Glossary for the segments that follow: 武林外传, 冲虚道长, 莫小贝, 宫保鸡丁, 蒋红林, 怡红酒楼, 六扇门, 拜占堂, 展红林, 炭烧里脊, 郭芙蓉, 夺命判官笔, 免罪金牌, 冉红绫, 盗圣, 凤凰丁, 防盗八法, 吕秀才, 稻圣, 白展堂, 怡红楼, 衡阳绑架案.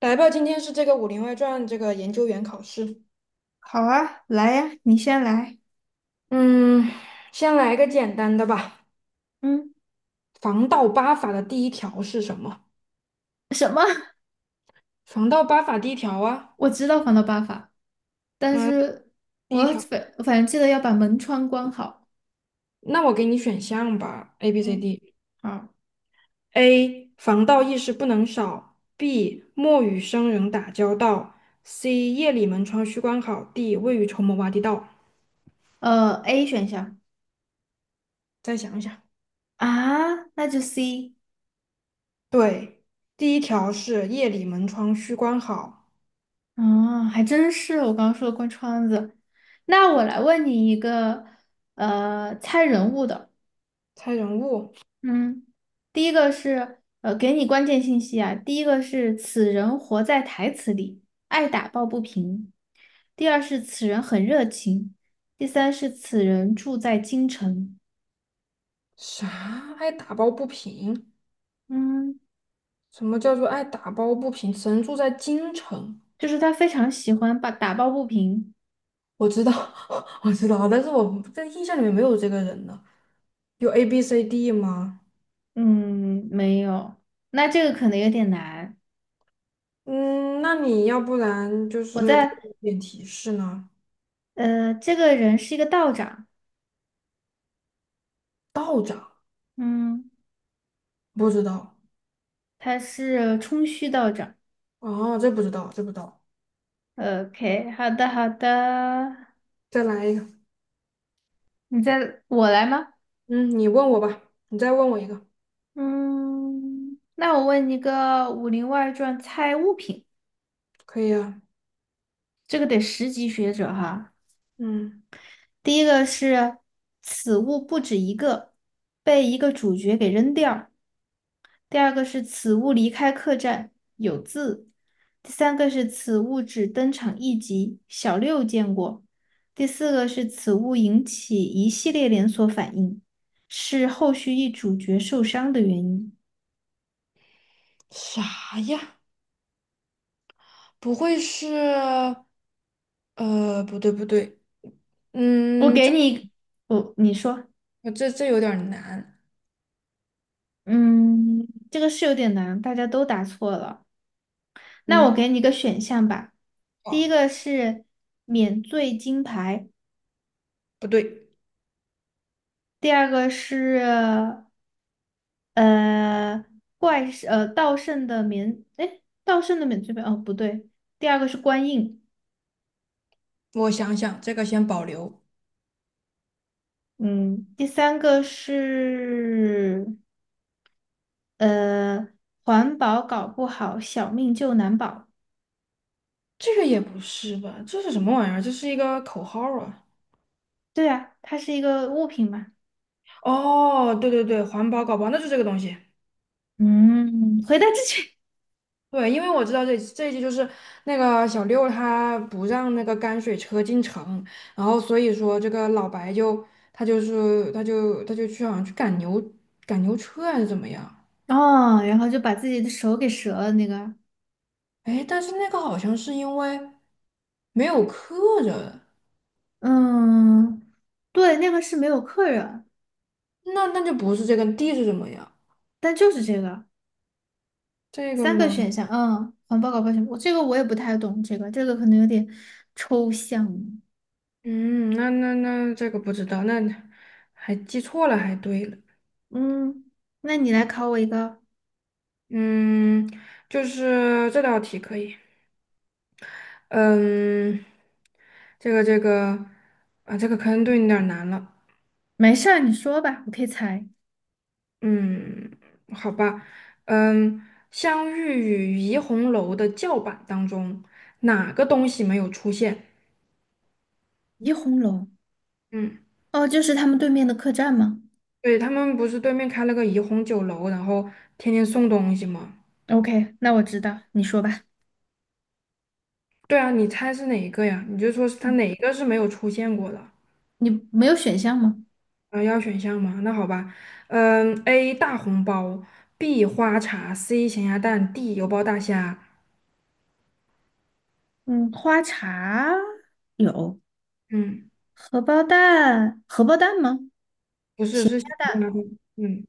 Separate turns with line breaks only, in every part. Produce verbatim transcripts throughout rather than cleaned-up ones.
来吧，今天是这个《武林外传》这个研究员考试。
好啊，来呀，你先来。
嗯，先来个简单的吧。
嗯，
防盗八法的第一条是什么？
什么？
防盗八法第一条啊，
我知道防盗办法，但
嗯，
是
第
我
一条。
反反正记得要把门窗关好。
那我给你选项吧，A、B、C、
嗯，
D。
好，
A. 防盗意识不能少。B. 莫与生人打交道。C. 夜里门窗须关好。D. 未雨绸缪挖地道。
呃，A 选项
再想一想。
啊，那就 C。
对，第一条是夜里门窗须关好。
啊，还真是我刚刚说的关窗子。那我来问你一个呃猜人物的。
猜人物。
嗯，第一个是呃，给你关键信息啊。第一个是此人活在台词里，爱打抱不平；第二是此人很热情；第三是此人住在京城。
啥？爱打抱不平？
嗯，
什么叫做爱打抱不平？神住在京城，
就是他非常喜欢把打抱不平。
我知道，我知道，但是我在印象里面没有这个人呢。有 A B C D 吗？
嗯，没有，那这个可能有点难。
嗯，那你要不然就
我
是给
在
我一点提示呢？
呃，这个人是一个道长，
道长，
嗯，
不知道。
他是冲虚道长。
哦，这不知道，这不知道。
呃 OK，好的好的，
再来一个。
你在我来吗？
嗯，你问我吧，你再问我一个，
嗯，那我问你个《武林外传》猜物品，
可以啊。
这个得十级学者哈。
嗯，
第一个是此物不止一个，被一个主角给扔掉；第二个是此物离开客栈，有字；第三个是此物只登场一集，小六见过；第四个是此物引起一系列连锁反应，是后续一主角受伤的原因。
啥呀？不会是……呃，不对，不对。
我
嗯，
给
这。
你，我，你说。
我这这有点儿难。
嗯，这个是有点难，大家都答错了。那
嗯，
我给你一个选项吧，第
哦，
一个是免罪金牌，
不对，
第二个是呃怪事呃盗圣的免，哎，盗圣的免罪牌，哦，不对，第二个是官印，
我想想，这个先保留。
嗯，第三个是呃环保搞不好，小命就难保。
这个也不是吧？这是什么玩意儿？这是一个口号啊！
对啊，它是一个物品嘛。
哦，对对对，环保搞包，那就这个东西。
嗯，回答正确。
对，因为我知道这这一集就是那个小六他不让那个泔水车进城，然后所以说这个老白就他就是他就他就去好像去赶牛赶牛车还是怎么样？
哦，然后就把自己的手给折了那个，
哎，但是那个好像是因为没有客人。
嗯，对，那个是没有客人，
那那就不是这个 D 是什么呀？
但就是这个
这个
三
吗？
个选项，嗯，环保搞保险，我这个我也不太懂，这个这个可能有点抽象，
嗯，那那那这个不知道，那还记错了，还对了。
嗯，那你来考我一个，
嗯，就是这道题可以。嗯，这个这个啊，这个可能对你有点儿难了。
没事儿，你说吧，我可以猜。
嗯，好吧。嗯，相遇与怡红楼的叫板当中，哪个东西没有出现？
怡红楼，
嗯，
哦，就是他们对面的客栈吗
对，他们不是对面开了个怡红酒楼，然后天天送东西吗？
？OK，那我知道，你说吧。
对啊，你猜是哪一个呀？你就说是它
嗯，
哪一个是没有出现过的？
你没有选项吗？
啊，要选项吗？那好吧，嗯，A 大红包，B 花茶，C 咸鸭蛋，D 油包大虾。
嗯，花茶有，
嗯，
荷包蛋，荷包蛋吗？
不是，
咸
是咸
鸭蛋，
鸭蛋。嗯，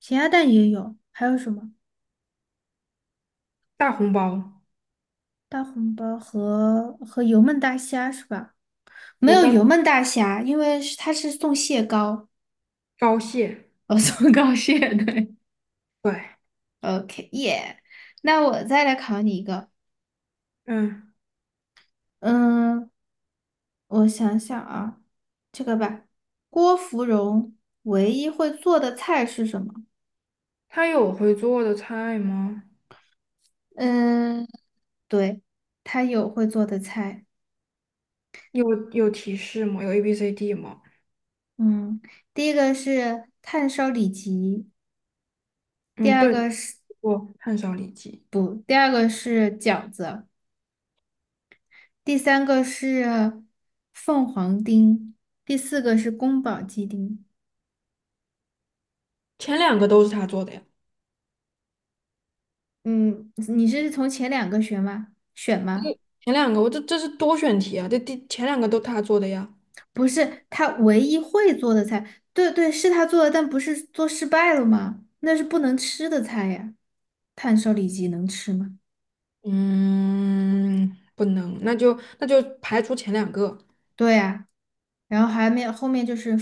咸鸭蛋也有，还有什么？
大红包，
大红包和和油焖大虾是吧？没
油
有
包
油焖大虾，因为是它是送蟹膏，
高蟹。
哦，送膏蟹，对。
对，
OK，耶、那我再来考你一个，
嗯，
嗯，我想想啊，这个吧，郭芙蓉唯一会做的菜是什么？
它有会做的菜吗？
嗯，对，她有会做的菜。
有有提示吗？有 A B C D 吗？
嗯，第一个是炭烧里脊，第
嗯，
二
对，
个是
做炭烧里脊，
不，第二个是饺子，第三个是凤凰丁，第四个是宫保鸡丁。
前两个都是他做的呀。
嗯，你是从前两个选吗？选吗？
前两个我这这是多选题啊，这第前两个都他做的呀。
不是，他唯一会做的菜，对对，是他做的，但不是做失败了吗？那是不能吃的菜呀，炭烧里脊能吃吗？
嗯，不能，那就那就排除前两个。
对呀。然后还没有后面就是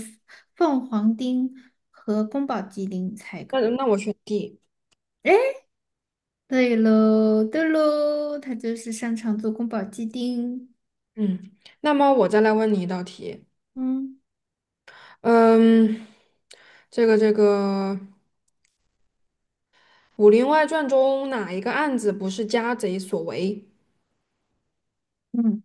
凤凰丁和宫保鸡丁，猜一
那
个。
那我选 D。
对喽，对喽，他就是擅长做宫保鸡丁。
嗯，那么我再来问你一道题。
嗯
嗯，这个这个《武林外传》中哪一个案子不是家贼所为
嗯，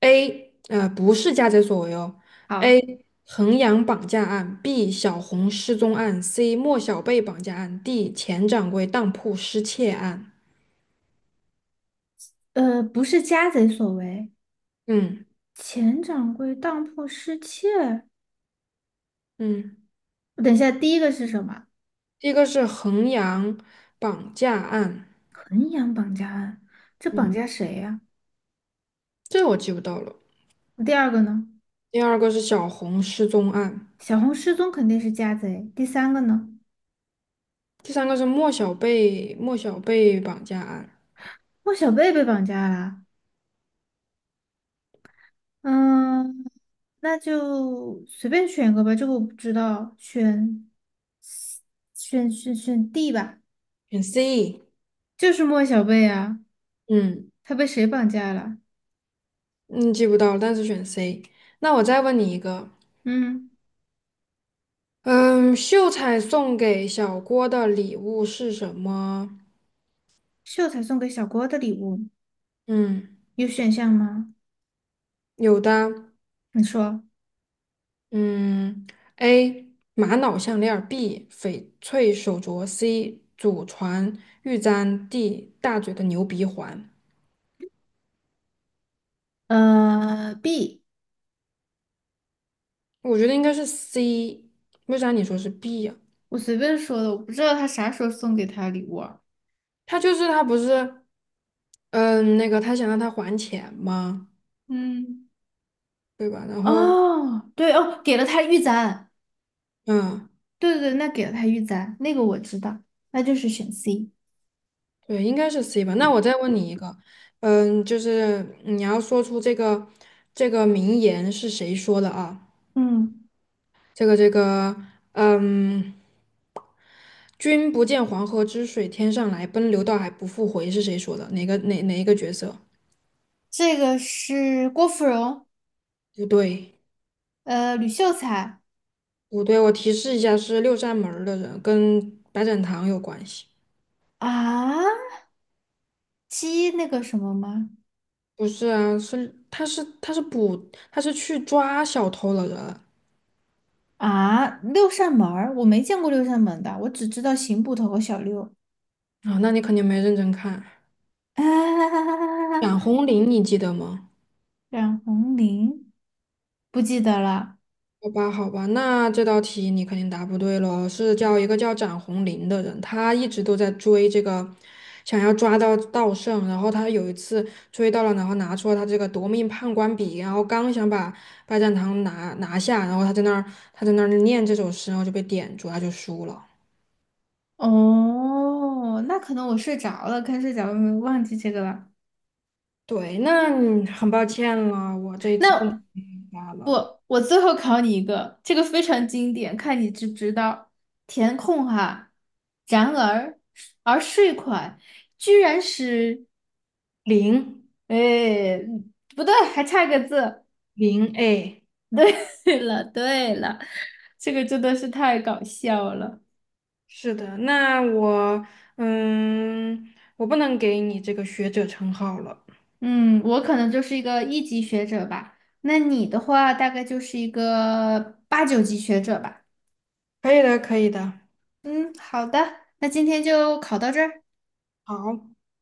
？A，呃，不是家贼所为哦。
好，
A. 衡阳绑架案，B. 小红失踪案，C. 莫小贝绑架案，D. 钱掌柜当铺失窃案。
呃，不是家贼所为，
嗯
前掌柜当铺失窃。
嗯。
等一下，第一个是什么？
第一个是衡阳绑架案，
衡阳绑架案，这绑
嗯，
架谁呀、
这我记不到了。
第二个呢？
第二个是小红失踪案，
小红失踪肯定是家贼。第三个呢？
第三个是莫小贝莫小贝绑架案。
莫小贝被绑架了。嗯，那就随便选一个吧，这个我不知道，选选选选 D 吧，
选 C。
就是莫小贝啊，
嗯
他被谁绑架了？
嗯，记不到了，但是选 C。那我再问你一个，
嗯，
嗯，秀才送给小郭的礼物是什么？
秀才送给小郭的礼物
嗯，
有选项吗？
有的。
你说，
嗯，A 玛瑙项链儿 b 翡翠手镯，C 祖传玉簪，D 大嘴的牛鼻环。
呃，B，
我觉得应该是 C，为啥你说是 B 呀、
我随便说的，我不知道他啥时候送给他礼物啊。
他就是他不是，嗯，那个他想让他还钱吗？
嗯，
对吧？然后，
哦，对哦，给了他玉簪，
嗯，
对对对，那给了他玉簪，那个我知道，那就是选 C。
对，应该是 C 吧。那我再问你一个，嗯，就是你要说出这个这个名言是谁说的啊？
嗯，
这个这个，嗯。君不见黄河之水天上来，奔流到海不复回，是谁说的？哪个哪哪一个角色？
这个是郭芙蓉。
不对，
呃，吕秀才
不对，我提示一下，是六扇门儿的人，跟白展堂有关系。
啊，鸡那个什么吗？
不是啊，是他是他是捕他是去抓小偷了的
啊，六扇门儿我没见过六扇门的，我只知道刑捕头和小六。
人啊，那你肯定没认真看。
啊，
蒋红林，你记得吗？
冉红绫不记得了。
好吧，好吧，那这道题你肯定答不对喽。是叫一个叫展红林的人，他一直都在追这个，想要抓到稻圣。然后他有一次追到了，然后拿出了他这个夺命判官笔，然后刚想把拜占堂拿拿下，然后他在那儿他在那儿念这首诗，然后就被点住，他就输了。
哦，那可能我睡着了，看睡着了，忘记这个了。
对，那你很抱歉了，我这一次不能
那
给你答了。
我最后考你一个，这个非常经典，看你知不知道。填空哈，然而而税款居然是。
零
哎，不对，还差个字。
零哎。
对 了，对了，这个真的是太搞笑了。
是的，那我，嗯，我不能给你这个学者称号了。
嗯，我可能就是一个一级学者吧，那你的话大概就是一个八九级学者吧。
可以的，可以的。
嗯，好的，那今天就考到这儿。
好，